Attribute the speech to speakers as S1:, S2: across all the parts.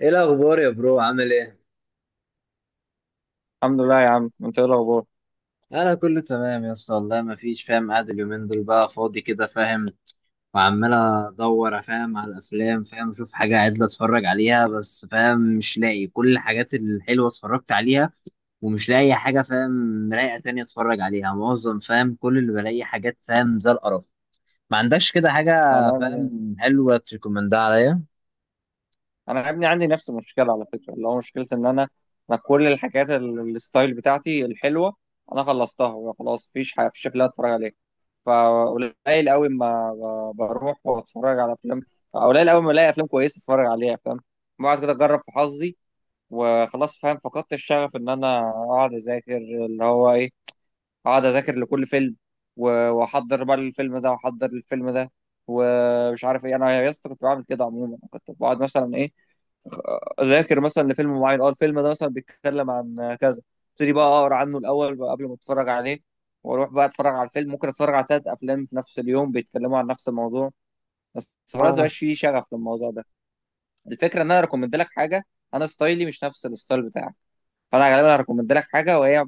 S1: ايه الاخبار يا برو عامل ايه؟
S2: الحمد لله يا عم، انت ايه الاخبار؟
S1: انا كله تمام يا اسطى، والله ما فيش. فاهم قاعد اليومين دول بقى فاضي كده، فاهم، وعمال ادور فاهم على الافلام، فاهم اشوف حاجه عدله اتفرج عليها، بس فاهم مش لاقي، كل الحاجات الحلوه اتفرجت عليها، ومش لاقي حاجه فاهم رايقه تانية اتفرج عليها، معظم فاهم كل اللي بلاقي حاجات فاهم زي القرف. ما عندكش كده حاجه
S2: انا يا ابني
S1: فاهم حلوه تريكومندها عليا؟
S2: انا يا ابني عندي نفس المشكله على فكره، اللي هو مشكله ان انا كل الحاجات الستايل بتاعتي الحلوه انا خلصتها، وخلاص مفيش حاجه، مفيش افلام اتفرج عليها. فقليل قوي ما بروح واتفرج على افلام، قليل قوي ما الاقي افلام كويسه اتفرج عليها، فاهم. بقعد كده اجرب في حظي، وخلاص فاهم فقدت الشغف ان انا اقعد اذاكر اللي هو ايه، اقعد اذاكر لكل فيلم، واحضر بقى الفيلم ده ومش عارف ايه. انا يا اسطى كنت بعمل كده، عموما كنت بقعد مثلا ايه، اذاكر مثلا لفيلم معين. اه، الفيلم ده مثلا بيتكلم عن كذا، ابتدي بقى اقرا عنه الاول بقى قبل ما اتفرج عليه، واروح بقى اتفرج على الفيلم. ممكن اتفرج على ثلاث افلام في نفس اليوم بيتكلموا عن نفس الموضوع، بس خلاص مبقاش فيه شغف للموضوع ده. الفكره ان انا ريكومند لك حاجه، انا ستايلي مش نفس الستايل بتاعك، فانا غالبا هريكومند لك حاجه وهي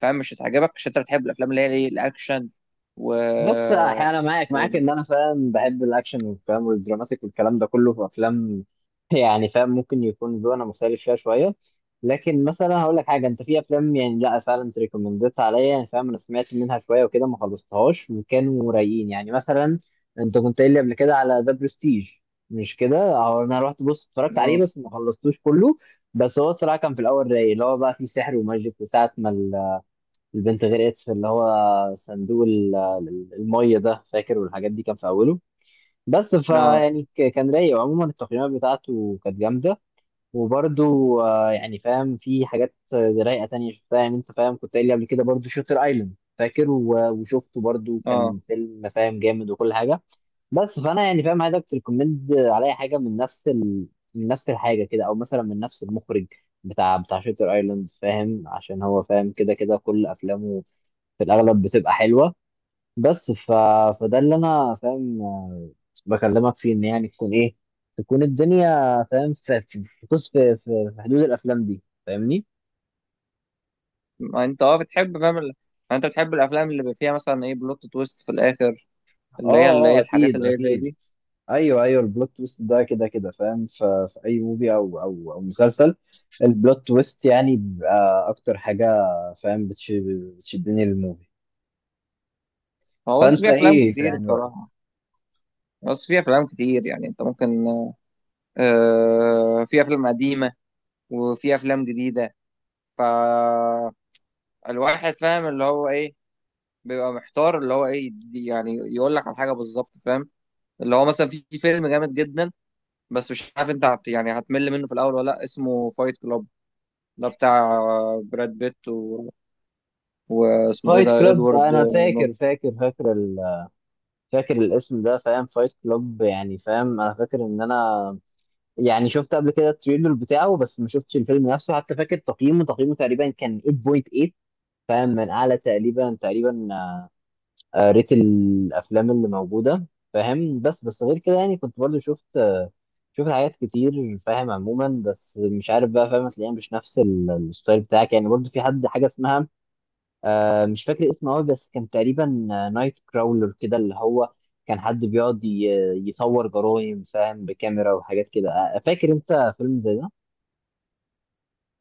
S2: فاهم مش هتعجبك، عشان انت بتحب الافلام اللي هي ايه الاكشن و
S1: بص، انا معاك
S2: و
S1: معاك ان انا فاهم بحب الاكشن والكلام والدراماتيك والكلام ده كله في افلام. يعني فاهم ممكن يكون ذوقنا مختلف فيها شويه، لكن مثلا هقول لك حاجه، انت في افلام يعني لا فعلا انت ريكومندتها عليا، يعني فاهم انا سمعت منها شويه وكده ما خلصتهاش وكانوا رايقين. يعني مثلا انت كنت قايل لي قبل كده على ذا برستيج، مش كده؟ أهو انا رحت بص اتفرجت عليه
S2: اه،
S1: بس ما خلصتوش كله. بس هو بصراحه كان في الاول رايق، اللي هو بقى فيه سحر وماجيك، وساعه ما البنت غرقت في اللي هو صندوق المية ده، فاكر؟ والحاجات دي كان في أوله. بس
S2: اه،
S1: فيعني كان رايق، وعموما التقييمات بتاعته كانت جامدة. وبرده يعني فاهم في حاجات رايقة تانية شفتها، يعني أنت فاهم كنت قايل لي قبل كده برده شوتر أيلاند، فاكر؟ وشفته برده،
S2: اه.
S1: كان فيلم فاهم جامد وكل حاجة. بس فانا يعني فاهم هذا تريكومند عليا حاجه من من نفس الحاجه كده، او مثلا من نفس المخرج بتاع شاتر ايلاند، فاهم؟ عشان هو فاهم كده كده كل افلامه في الاغلب بتبقى حلوه. بس ف... فده اللي انا فاهم بكلمك فيه، ان يعني تكون ايه، تكون الدنيا فاهم في في حدود الافلام دي، فاهمني؟
S2: ما انت اه بتحب فاهم ما انت بتحب الافلام اللي بيبقى فيها مثلا ايه بلوت تويست في الاخر، اللي هي
S1: اه، اه
S2: الحاجات
S1: اكيد
S2: اللي هي زي
S1: اكيد.
S2: دي.
S1: ايوه ايوه، البلوت تويست ده كده كده فاهم في اي موفي او مسلسل، البلوت تويست يعني بيبقى اكتر حاجه فاهم بتشدني للموفي.
S2: هو بص
S1: فانت
S2: في افلام
S1: ايه
S2: كتير
S1: يعني رأيك؟
S2: بصراحه، بص في افلام كتير. يعني انت ممكن آه، في افلام قديمه وفي افلام جديده، فالواحد فاهم اللي هو ايه، بيبقى محتار اللي هو ايه يعني يقول لك على حاجه بالظبط، فاهم. اللي هو مثلا في فيلم جامد جدا، بس مش عارف انت يعني هتمل منه في الاول ولا لا. اسمه فايت كلاب، ده بتاع براد بيت، و... واسمه ايه
S1: فايت
S2: ده،
S1: كلاب ده،
S2: ادوارد
S1: انا
S2: نورتن.
S1: فاكر فاكر الاسم ده، فاهم. فايت كلاب يعني فاهم انا فاكر ان انا يعني شفت قبل كده التريلر بتاعه، بس ما شفتش الفيلم نفسه. حتى فاكر تقييمه تقريبا كان 8.8، فاهم، من اعلى تقريبا. قريت الافلام اللي موجوده فاهم، بس بس غير كده يعني كنت برضو شفت. شفت حاجات كتير فاهم عموما، بس مش عارف بقى، فاهم هتلاقيها مش نفس الستايل بتاعك. يعني برضو في حد حاجه اسمها، آه، مش فاكر اسمه قوي، بس كان تقريبا نايت كراولر كده، اللي هو كان حد بيقعد يصور جرايم فاهم بكاميرا وحاجات كده. آه، فاكر انت فيلم زي ده؟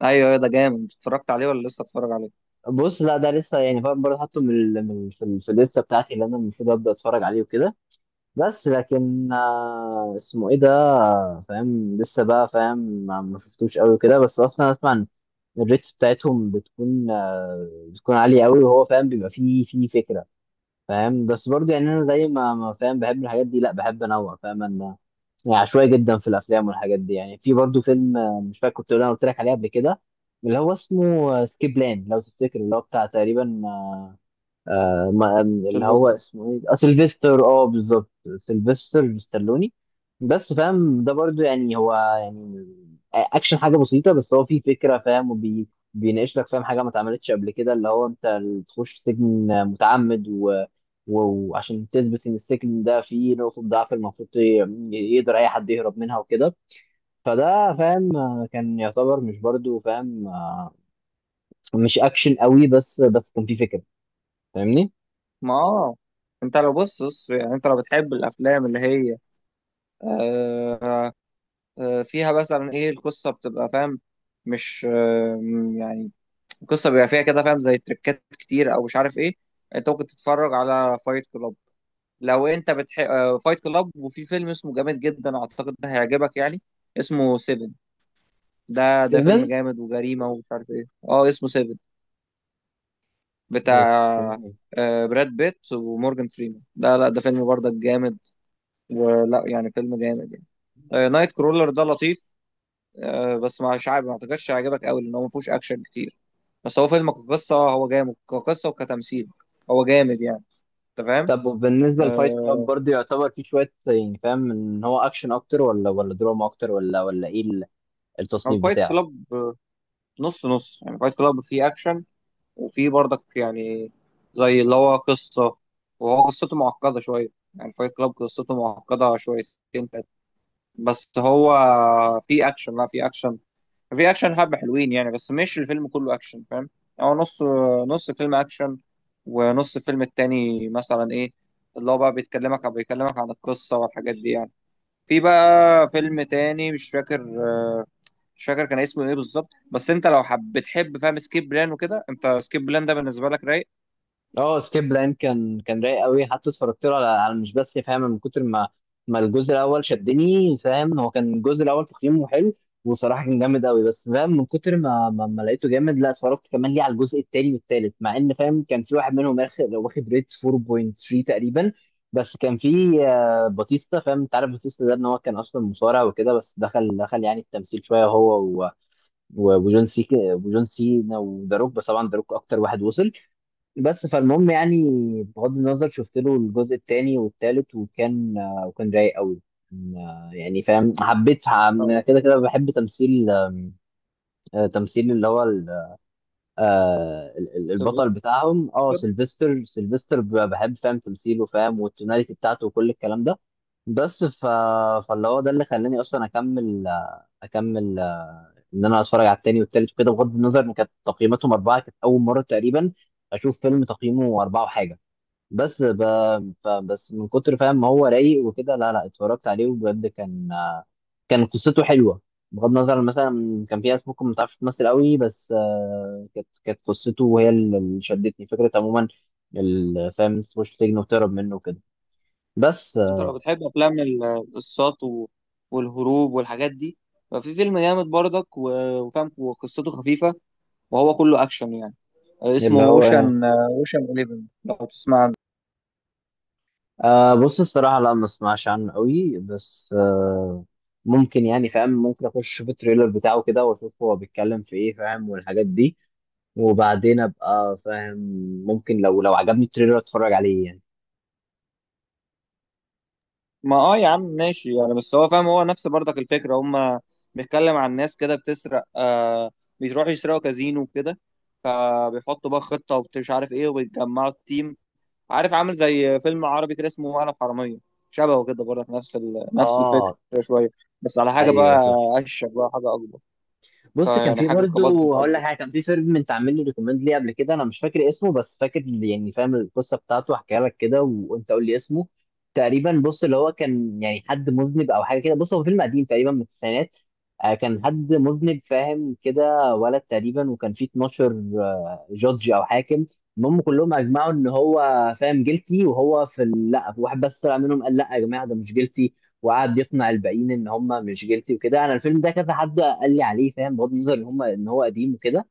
S2: ايوه، ايوه، ده جامد. اتفرجت عليه ولا لسه اتفرج عليه؟
S1: بص، لا، ده لسه، يعني فاهم برضه حاطه من في الليسته بتاعتي، اللي انا المفروض ابدا اتفرج عليه وكده، بس لكن آه، اسمه ايه ده، فاهم لسه بقى فاهم ما شفتوش قوي كده، بس اصلا اسمع إن الريتس بتاعتهم بتكون آه، بتكون عالية قوي، وهو فاهم بيبقى فيه فكرة فاهم. بس برضه يعني انا زي ما فاهم بحب الحاجات دي، لا بحب انوع، فاهم انا يعني عشوائي جدا في الافلام والحاجات دي. يعني في برضه فيلم آه، مش فاكر كنت انا قلت لك عليه قبل كده، اللي هو اسمه سكيب لان لو تفتكر، اللي هو بتاع تقريبا آه، آه ما اللي هو
S2: سيلفستر.
S1: اسمه ايه، آه، سيلفستر، اه بالظبط. سيلفستر ستالوني. بس فاهم ده برضو يعني هو يعني اكشن حاجه بسيطه، بس هو فيه فكره فاهم بيناقش لك فاهم حاجه ما اتعملتش قبل كده، اللي هو انت تخش سجن متعمد، وعشان تثبت ان السجن ده فيه نقطه ضعف، المفروض يقدر اي حد يهرب منها وكده. فده فاهم آه، كان يعتبر مش برضو فاهم آه، مش اكشن قوي، بس ده كان فيه فكره، فاهمني؟
S2: ما اه، انت لو بص بص يعني، انت لو بتحب الافلام اللي هي آه، فيها مثلا ايه، القصه بتبقى فاهم مش آه، يعني القصه بيبقى فيها كده فاهم زي تريكات كتير او مش عارف ايه. انت ممكن تتفرج على فايت كلاب لو انت فايت كلاب، وفي فيلم اسمه جامد جدا اعتقد ده هيعجبك يعني، اسمه سيفن. ده فيلم
S1: 7
S2: جامد وجريمه ومش عارف ايه. اه، اسمه سيفن، بتاع
S1: اوكي.
S2: آه، براد بيت ومورجان فريمان. ده لا، ده فيلم برضك جامد، ولا يعني فيلم جامد يعني. آه، نايت كرولر ده لطيف، آه، بس مش عارف، ما اعتقدش هيعجبك قوي لان هو ما فيهوش اكشن كتير، بس هو فيلم كقصه هو جامد، كقصه وكتمثيل هو جامد يعني، انت فاهم.
S1: طب وبالنسبة لفايت كلاب
S2: آه،
S1: برضه يعتبر فيه شوية يعني فاهم ان هو اكشن اكتر، ولا دراما اكتر، ولا ايه
S2: هو
S1: التصنيف
S2: فايت
S1: بتاعه؟
S2: كلاب نص نص يعني، فايت كلاب فيه اكشن وفي برضك يعني زي اللي هو قصة، وهو قصته معقدة شوية، يعني فايت كلاب قصته معقدة شويتين تلاتة. بس هو في أكشن، لا في أكشن، في أكشن حبة حلوين يعني، بس مش الفيلم كله أكشن فاهم. يعني هو نص، نص فيلم أكشن، ونص الفيلم التاني مثلا إيه اللي هو بقى بيكلمك عن القصة والحاجات دي يعني. في بقى فيلم تاني مش فاكر كان اسمه ايه بالظبط، بس انت لو بتحب فاهم سكيب بلان وكده. انت سكيب بلان ده بالنسبه لك رايق؟
S1: اه، سكيب بلان كان رايق قوي، حتى اتفرجت له على مش بس فاهم من كتر ما الجزء الاول شدني، فاهم، هو كان الجزء الاول تقييمه حلو وصراحه كان جامد قوي. بس فاهم من كتر ما لقيته جامد، لا اتفرجت كمان ليه على الجزء الثاني والثالث، مع ان فاهم كان في واحد منهم اخر لو واخد ريت 4.3 تقريبا. بس كان في آه، باتيستا، فاهم انت عارف باتيستا ده ان هو كان اصلا مصارع وكده، بس دخل يعني التمثيل شويه، هو وجون سي وجون سينا وذا روك، بس طبعا ذا روك اكتر واحد وصل. بس فالمهم يعني بغض النظر، شفت له الجزء الثاني والثالث، وكان آه، وكان رايق قوي. كان، آه، يعني فاهم حبيت
S2: اه
S1: أنا كده كده بحب تمثيل آم، آه، تمثيل اللي هو البطل
S2: سيلفستر.
S1: بتاعهم، اه سيلفستر، سيلفستر بحب فاهم تمثيله، فاهم والتوناليتي بتاعته وكل الكلام ده. بس ف... فاللي هو ده اللي خلاني اصلا اكمل آه، اكمل آه، ان انا اتفرج على التاني والتالت وكده، بغض النظر ان كانت تقييماتهم اربعه. كانت اول مره تقريبا اشوف فيلم تقييمه اربعه وحاجه. بس ب... بس من كتر فاهم ما هو رايق وكده، لا اتفرجت عليه، وبجد كان آه، كان قصته حلوه. بغض النظر عن مثلا كان في ناس ممكن ما تعرفش تمثل قوي، بس آه، كانت قصته وهي اللي شدتني فكره عموما. فاهم تخش سجن وتهرب منه كده، بس
S2: انت
S1: آه،
S2: لو بتحب افلام القصات والهروب والحاجات دي، ففي فيلم جامد برضك وفاهم، وقصته خفيفه وهو كله اكشن يعني. آه، اسمه
S1: اللي هو.
S2: اوشن، آه، اوشن 11 لو تسمع عنه.
S1: آه بص، الصراحه لا، ما اسمعش عنه قوي، بس آه ممكن، يعني فاهم ممكن اخش في التريلر بتاعه كده، واشوف هو بيتكلم في ايه فاهم والحاجات دي، وبعدين ابقى فاهم ممكن لو عجبني التريلر اتفرج عليه يعني.
S2: ما اه، يا عم ماشي يعني، بس هو فاهم هو نفس برضك الفكره هم، بيتكلم عن ناس كده بتسرق، آه، بيروحوا يسرقوا كازينو وكده، فبيحطوا بقى خطه ومش عارف ايه وبيتجمعوا التيم. عارف عامل زي فيلم عربي كده اسمه انا في حراميه، شبهه كده برضه، نفس نفس الفكره
S1: اه
S2: شويه، بس على حاجه
S1: ايوه،
S2: بقى
S1: شفت.
S2: اشيك بقى حاجه اكبر،
S1: بص كان
S2: يعني
S1: في
S2: حاجه
S1: برضه،
S2: كبادجت
S1: هقول
S2: اكبر.
S1: لك حاجه، كان في فيلم انت عامل لي ريكومند ليه قبل كده، انا مش فاكر اسمه بس فاكر، يعني فاهم القصه بتاعته هحكيها لك كده، وانت قول لي اسمه. تقريبا بص اللي هو كان يعني حد مذنب او حاجه كده، بص هو فيلم قديم تقريبا من التسعينات. آه، كان حد مذنب فاهم كده، ولد تقريبا، وكان فيه 12 آه، جودج او حاكم. المهم كلهم اجمعوا ان هو فاهم جيلتي، وهو في لا، واحد بس طلع منهم قال لا يا جماعه ده مش جيلتي، وقعد يقنع الباقيين ان هم مش جيلتي وكده. انا الفيلم ده كذا حد قال لي عليه، فاهم، بغض النظر ان هم ان هو قديم وكده.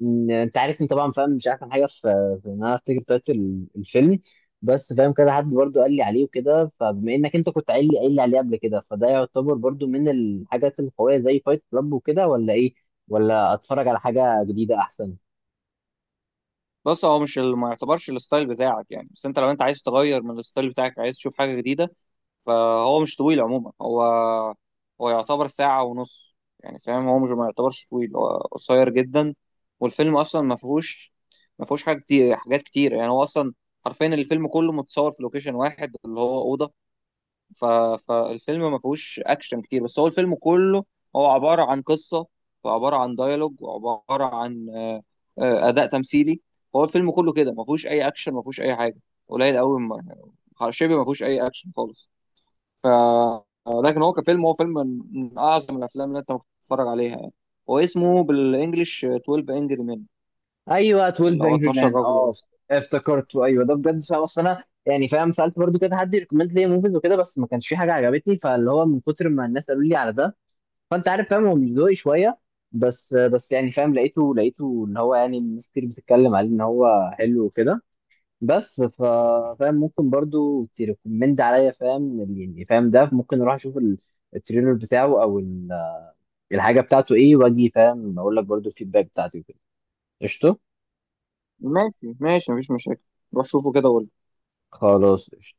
S1: انت عارفني طبعا، فاهم مش احسن حاجه في ان انا افتكر تايتل الفيلم. بس فاهم كذا حد برضو قال لي عليه وكده، فبما انك انت كنت قايل لي عليه قبل كده، فده يعتبر برضو من الحاجات القويه زي فايت كلاب وكده، ولا ايه؟ ولا اتفرج على حاجه جديده احسن؟
S2: بص هو مش ما يعتبرش الستايل بتاعك يعني، بس انت لو انت عايز تغير من الستايل بتاعك، عايز تشوف حاجه جديده، فهو مش طويل عموما. هو هو يعتبر ساعة ونص يعني فاهم، هو مش، ما يعتبرش طويل، هو قصير جدا. والفيلم أصلا ما فيهوش حاجة كتير حاجات كتير يعني، هو أصلا حرفيا الفيلم كله متصور في لوكيشن واحد اللي هو أوضة. ف... فالفيلم ما فيهوش اكشن كتير، بس هو الفيلم كله هو عباره عن قصه، وعباره عن ديالوج، وعباره عن آه، اداء تمثيلي. هو الفيلم كله كده ما فيهوش اي اكشن، ما فيهوش اي حاجه، قليل قوي ما شبه ما فيهوش اي اكشن خالص. ف لكن هو كفيلم هو فيلم من اعظم الافلام اللي انت ممكن تتفرج عليها يعني. هو اسمه بالانجلش 12 انجري مان،
S1: ايوه،
S2: اللي
S1: 12
S2: هو
S1: انجري
S2: 12
S1: مان، اه
S2: رجل.
S1: افتكرته. ايوه ده بجد فاهم، اصل انا يعني فاهم سالت برضو كده حد ريكومند لي موفيز وكده، بس ما كانش في حاجه عجبتني، فاللي هو من كتر ما الناس قالوا لي على ده، فانت عارف فاهم هو مش ذوقي شويه، بس بس يعني فاهم لقيته ان هو يعني الناس كتير بتتكلم عليه ان هو حلو وكده. بس ف فاهم ممكن برضو تريكومند عليا فاهم، يعني فاهم ده ممكن اروح اشوف التريلر بتاعه او الحاجه بتاعته ايه، واجي فاهم اقول لك برضو الفيدباك بتاعتي وكده. قشطه،
S2: ماشي ماشي مفيش مشاكل، روح شوفه كده وقول.
S1: خلاص.